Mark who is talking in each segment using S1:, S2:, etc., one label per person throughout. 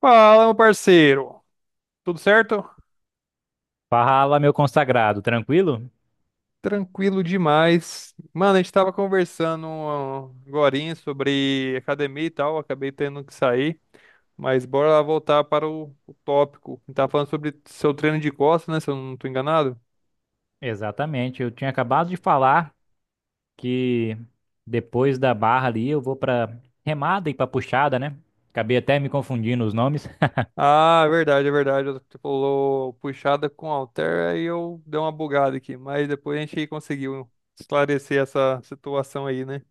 S1: Fala, meu parceiro. Tudo certo?
S2: Fala, meu consagrado, tranquilo?
S1: Tranquilo demais. Mano, a gente tava conversando agora sobre academia e tal, acabei tendo que sair, mas bora lá voltar para o tópico. A gente tava falando sobre seu treino de costas, né? Se eu não tô enganado.
S2: Exatamente, eu tinha acabado de falar que depois da barra ali eu vou pra remada e pra puxada, né? Acabei até me confundindo os nomes.
S1: Ah, é verdade, é verdade. Você falou puxada com halter, aí eu dei uma bugada aqui, mas depois a gente conseguiu esclarecer essa situação aí, né?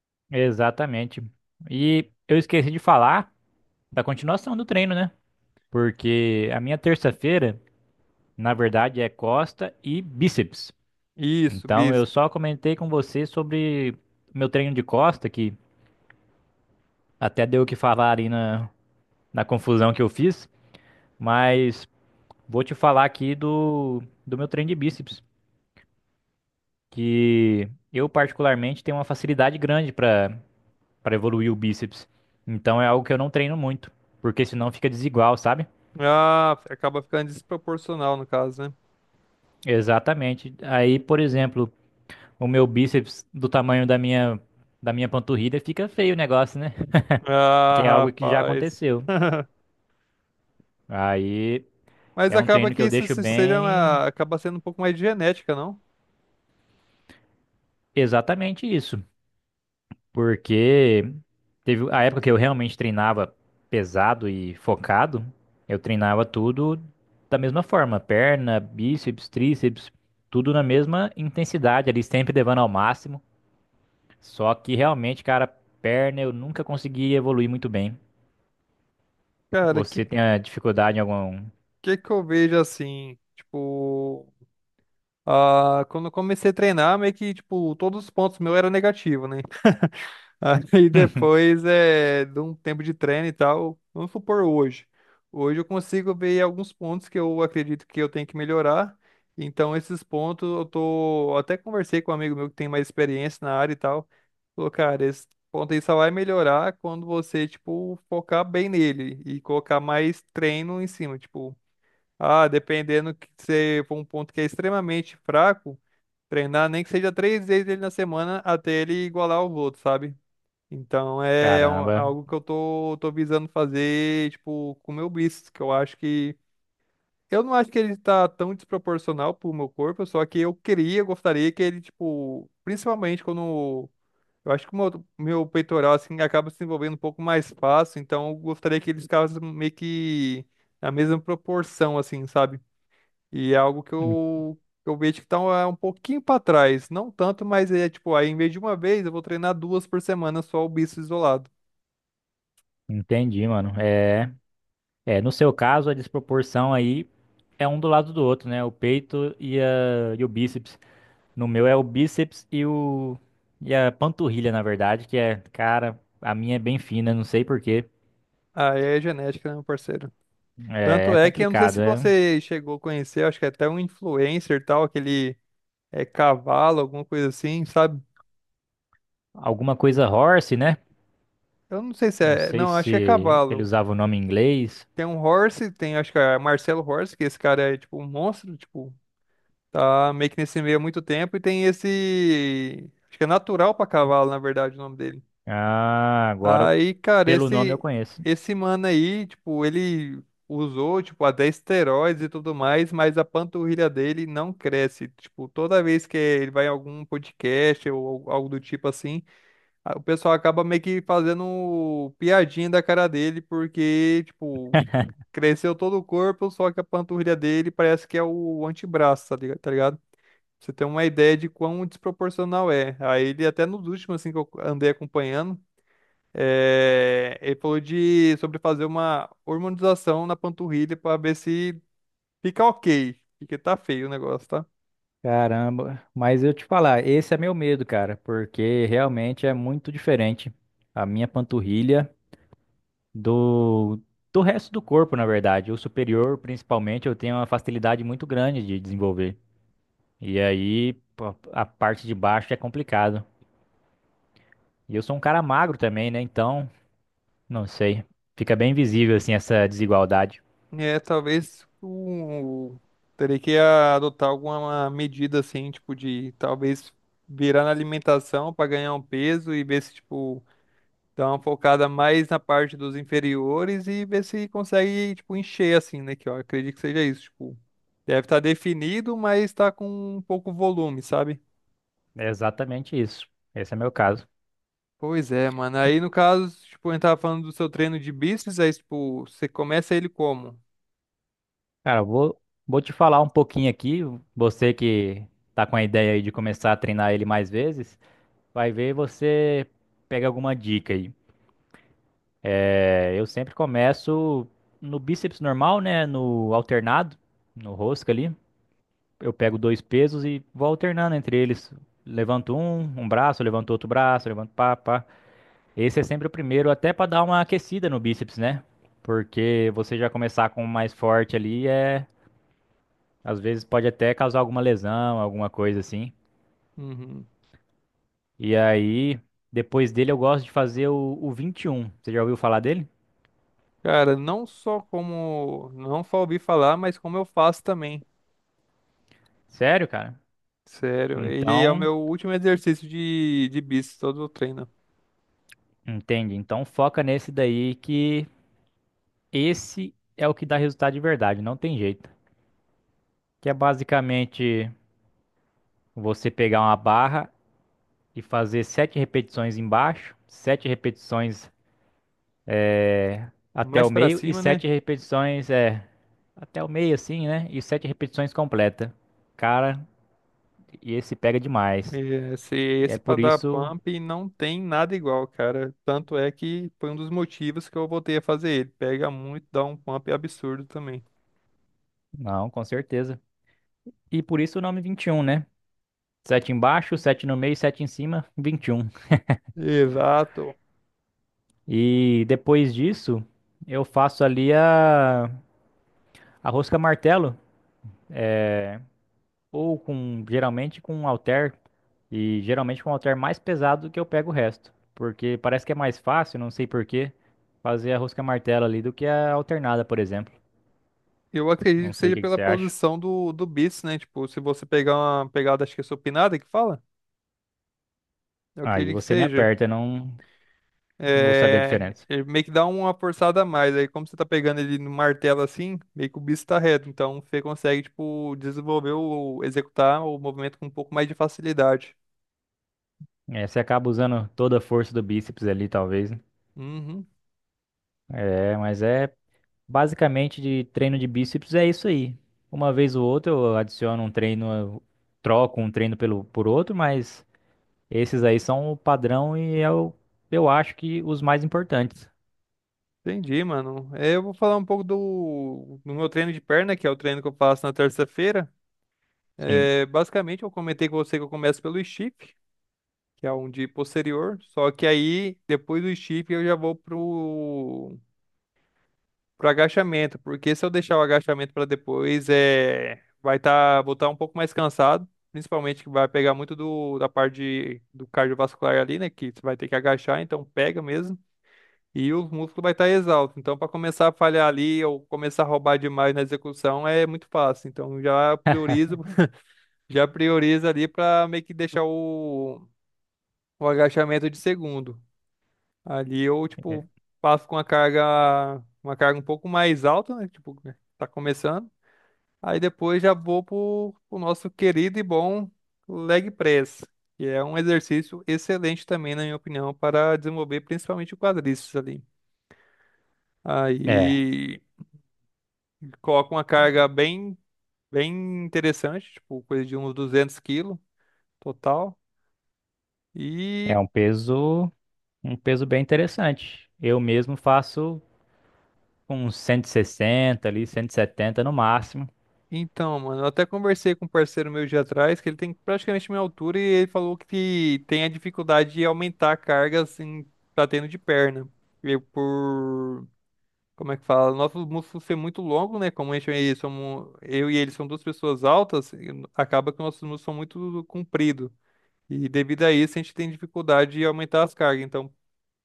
S2: Exatamente. E eu esqueci de falar da continuação do treino, né? Porque a minha terça-feira, na verdade, é costa e bíceps.
S1: Isso,
S2: Então
S1: bis.
S2: eu só comentei com você sobre meu treino de costa, que até deu o que falar ali na confusão que eu fiz. Mas vou te falar aqui do meu treino de bíceps, que eu particularmente tenho uma facilidade grande para evoluir o bíceps. Então é algo que eu não treino muito, porque senão fica desigual, sabe?
S1: Ah, acaba ficando desproporcional no caso, né?
S2: Exatamente. Aí, por exemplo, o meu bíceps do tamanho da minha panturrilha fica feio o negócio, né?
S1: Ah,
S2: Que é algo que já
S1: rapaz.
S2: aconteceu. Aí
S1: Mas
S2: é um
S1: acaba
S2: treino que
S1: que
S2: eu
S1: isso
S2: deixo
S1: seja
S2: bem,
S1: acaba sendo um pouco mais de genética, não?
S2: exatamente isso. Porque teve a época que eu realmente treinava pesado e focado, eu treinava tudo da mesma forma, perna, bíceps, tríceps, tudo na mesma intensidade ali, sempre levando ao máximo. Só que realmente, cara, perna eu nunca consegui evoluir muito bem.
S1: Cara, que
S2: Você tem a dificuldade em algum...
S1: que que eu vejo assim, tipo, ah, quando eu comecei a treinar, meio que tipo, todos os pontos meus eram negativos, né? Aí depois é de um tempo de treino e tal. Vamos supor hoje. Hoje eu consigo ver alguns pontos que eu acredito que eu tenho que melhorar. Então, esses pontos eu tô. Eu Até conversei com um amigo meu que tem mais experiência na área e tal. Falou, cara, esse ponto aí só vai melhorar quando você, tipo, focar bem nele e colocar mais treino em cima. Tipo, ah, dependendo que você for um ponto que é extremamente fraco, treinar nem que seja três vezes ele na semana até ele igualar os outros, sabe? Então é
S2: Caramba,
S1: algo que eu tô visando fazer, tipo, com o meu bíceps, que eu acho que. Eu não acho que ele tá tão desproporcional pro meu corpo, só que eu queria, gostaria que ele, tipo, principalmente quando. Eu acho que o meu, meu peitoral, assim, acaba se envolvendo um pouco mais fácil, então eu gostaria que ele ficasse meio que na mesma proporção, assim, sabe? E é algo que
S2: en-
S1: eu, que eu vejo que tá um, é um pouquinho pra trás. Não tanto, mas é, tipo, aí em vez de uma vez, eu vou treinar duas por semana só o bíceps isolado.
S2: entendi, mano. É, no seu caso, a desproporção aí é um do lado do outro, né? O peito e o bíceps. No meu é o bíceps e o e a panturrilha, na verdade, que é, cara, a minha é bem fina, não sei por quê.
S1: Ah, é genética, né, meu parceiro?
S2: É,
S1: Tanto
S2: é
S1: é que eu não sei se
S2: complicado, é
S1: você chegou a conhecer, acho que é até um influencer e tal, aquele é cavalo, alguma coisa assim, sabe?
S2: alguma coisa horse, né?
S1: Eu não sei se
S2: Não
S1: é,
S2: sei
S1: não, acho que é
S2: se ele
S1: cavalo.
S2: usava o nome em inglês.
S1: Tem um Horse, tem acho que é Marcelo Horse, que esse cara é tipo um monstro, tipo, tá meio que nesse meio há muito tempo e tem esse, acho que é natural pra cavalo, na verdade, o nome dele.
S2: Ah, agora
S1: Aí, cara,
S2: pelo nome eu
S1: esse
S2: conheço.
S1: esse mano aí, tipo, ele usou, tipo, até esteroides e tudo mais, mas a panturrilha dele não cresce. Tipo, toda vez que ele vai em algum podcast ou algo do tipo assim, o pessoal acaba meio que fazendo piadinha da cara dele, porque, tipo, cresceu todo o corpo, só que a panturrilha dele parece que é o antebraço, tá ligado? Pra Você tem uma ideia de quão desproporcional é. Aí ele até nos últimos, assim, que eu andei acompanhando, é, ele falou de sobre fazer uma hormonização na panturrilha para ver se fica ok, porque tá feio o negócio, tá?
S2: Caramba, mas eu te falar, esse é meu medo, cara, porque realmente é muito diferente. A minha panturrilha. do, do resto do corpo, na verdade. O superior, principalmente, eu tenho uma facilidade muito grande de desenvolver. E aí, pô, a parte de baixo é complicado. E eu sou um cara magro também, né? Então, não sei. Fica bem visível, assim, essa desigualdade.
S1: É, talvez o terei que adotar alguma medida assim, tipo de talvez virar na alimentação para ganhar um peso e ver se tipo dá uma focada mais na parte dos inferiores e ver se consegue tipo encher assim, né? Que eu acredito que seja isso, tipo, deve estar definido, mas tá com um pouco volume, sabe?
S2: É exatamente isso. Esse é meu caso.
S1: Pois é, mano. Aí, no caso, tipo, a gente tava falando do seu treino de bíceps, aí, tipo, você começa ele como?
S2: Cara, vou te falar um pouquinho aqui. Você que tá com a ideia aí de começar a treinar ele mais vezes, vai ver você pega alguma dica aí. É, eu sempre começo no bíceps normal, né? No alternado, no rosca ali. Eu pego dois pesos e vou alternando entre eles. Levanto um, um braço, levanto outro braço, levanto pá, pá. Esse é sempre o primeiro, até para dar uma aquecida no bíceps, né? Porque você já começar com o mais forte ali é, às vezes pode até causar alguma lesão, alguma coisa assim.
S1: Uhum.
S2: E aí, depois dele eu gosto de fazer o 21. Você já ouviu falar dele?
S1: Cara, não só como, não só ouvi falar, mas como eu faço também.
S2: Sério, cara?
S1: Sério, ele é o
S2: Então,
S1: meu último exercício de bíceps, todo o treino.
S2: entende? Então foca nesse daí que esse é o que dá resultado de verdade, não tem jeito. Que é basicamente você pegar uma barra e fazer sete repetições embaixo, sete repetições até
S1: Mais
S2: o
S1: pra
S2: meio e
S1: cima, né?
S2: sete repetições até o meio assim, né? E sete repetições completa. Cara, e esse pega demais.
S1: É, Esse,
S2: E é
S1: esse pra
S2: por
S1: dar
S2: isso,
S1: pump não tem nada igual, cara. Tanto é que foi um dos motivos que eu voltei a fazer ele. Pega muito, dá um pump absurdo também.
S2: não, com certeza. E por isso o nome 21, né? Sete embaixo, sete no meio, sete em cima, 21.
S1: Exato.
S2: E depois disso, eu faço ali a rosca martelo, é, ou com geralmente com um halter, e geralmente com um halter mais pesado que eu pego o resto, porque parece que é mais fácil, não sei por quê, fazer a rosca martelo ali do que a alternada, por exemplo.
S1: Eu acredito
S2: Não
S1: que
S2: sei o
S1: seja
S2: que que
S1: pela
S2: você acha.
S1: posição do bíceps, né? Tipo, se você pegar uma pegada, acho que é supinada que fala, eu
S2: Aí
S1: acredito que
S2: você me
S1: seja.
S2: aperta, não, não vou saber a
S1: É,
S2: diferença.
S1: ele meio que dá uma forçada a mais. Aí, como você tá pegando ele no martelo assim, meio que o bíceps tá reto. Então, você consegue, tipo, desenvolver ou executar o movimento com um pouco mais de facilidade.
S2: É, você acaba usando toda a força do bíceps ali, talvez. Né?
S1: Uhum.
S2: É, mas é Basicamente, de treino de bíceps é isso aí. Uma vez ou outra eu adiciono um treino, eu troco um treino pelo, por outro, mas esses aí são o padrão eu acho que os mais importantes.
S1: Entendi, mano. É, eu vou falar um pouco do meu treino de perna, que é o treino que eu faço na terça-feira.
S2: Sim.
S1: É, basicamente, eu comentei com você que eu começo pelo stiff, que é um de posterior. Só que aí, depois do chip, eu já vou pro agachamento, porque se eu deixar o agachamento para depois, é, vai estar, vou estar um pouco mais cansado, principalmente que vai pegar muito da parte do cardiovascular ali, né, que você vai ter que agachar, então pega mesmo. E os músculos vai estar exalto. Então, para começar a falhar ali ou começar a roubar demais na execução é muito fácil. Então, já priorizo, já priorizo ali para meio que deixar o agachamento de segundo. Ali eu, tipo, passo com uma carga um pouco mais alta, né? Tipo, né, tá começando. Aí depois já vou pro nosso querido e bom leg press, que é um exercício excelente também, na minha opinião, para desenvolver principalmente o quadríceps ali.
S2: É,
S1: Aí coloco uma carga bem, bem interessante, tipo, coisa de uns 200 quilos total. E
S2: é um peso bem interessante. Eu mesmo faço uns 160 ali, 170 no máximo.
S1: Então, mano, eu até conversei com um parceiro meu de atrás, que ele tem praticamente minha altura, e ele falou que tem a dificuldade de aumentar a carga, assim, tá tendo de perna. E por, Como é que fala? Nosso músculo ser muito longo, né? Como a gente, somos, eu e ele são duas pessoas altas, e acaba que nossos músculos são muito compridos. E devido a isso, a gente tem dificuldade de aumentar as cargas. Então,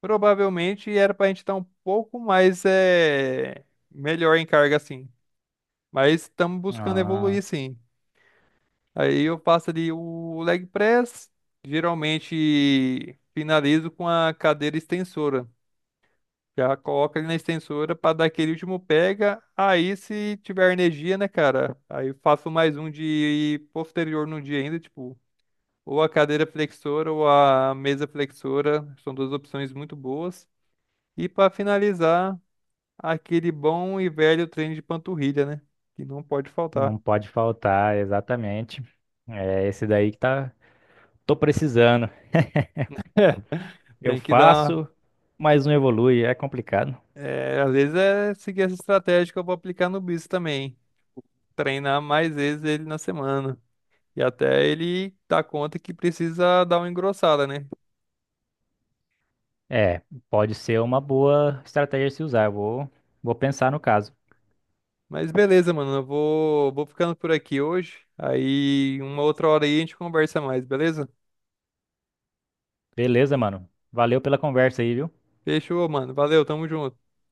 S1: provavelmente era pra gente estar um pouco mais, é, melhor em carga, assim. Mas estamos buscando evoluir,
S2: Ah,
S1: sim. Aí eu faço ali o leg press, geralmente finalizo com a cadeira extensora. Já coloca ali na extensora para dar aquele último pega. Aí se tiver energia, né, cara? Aí eu faço mais um de posterior no dia ainda, tipo, ou a cadeira flexora ou a mesa flexora. São duas opções muito boas. E para finalizar, aquele bom e velho treino de panturrilha, né? Que não pode faltar.
S2: não pode faltar, exatamente. É esse daí que tá, tô precisando. Eu
S1: Tem que dar
S2: faço, mas não evolui, é complicado.
S1: É, às vezes é seguir essa estratégia que eu vou aplicar no Bis também. Treinar mais vezes ele na semana. E até ele dar conta que precisa dar uma engrossada, né?
S2: É, pode ser uma boa estratégia se usar. Vou pensar no caso.
S1: Mas beleza, mano. Eu vou ficando por aqui hoje. Aí, uma outra hora aí a gente conversa mais, beleza?
S2: Beleza, mano. Valeu pela conversa aí, viu?
S1: Fechou, mano. Valeu, tamo junto.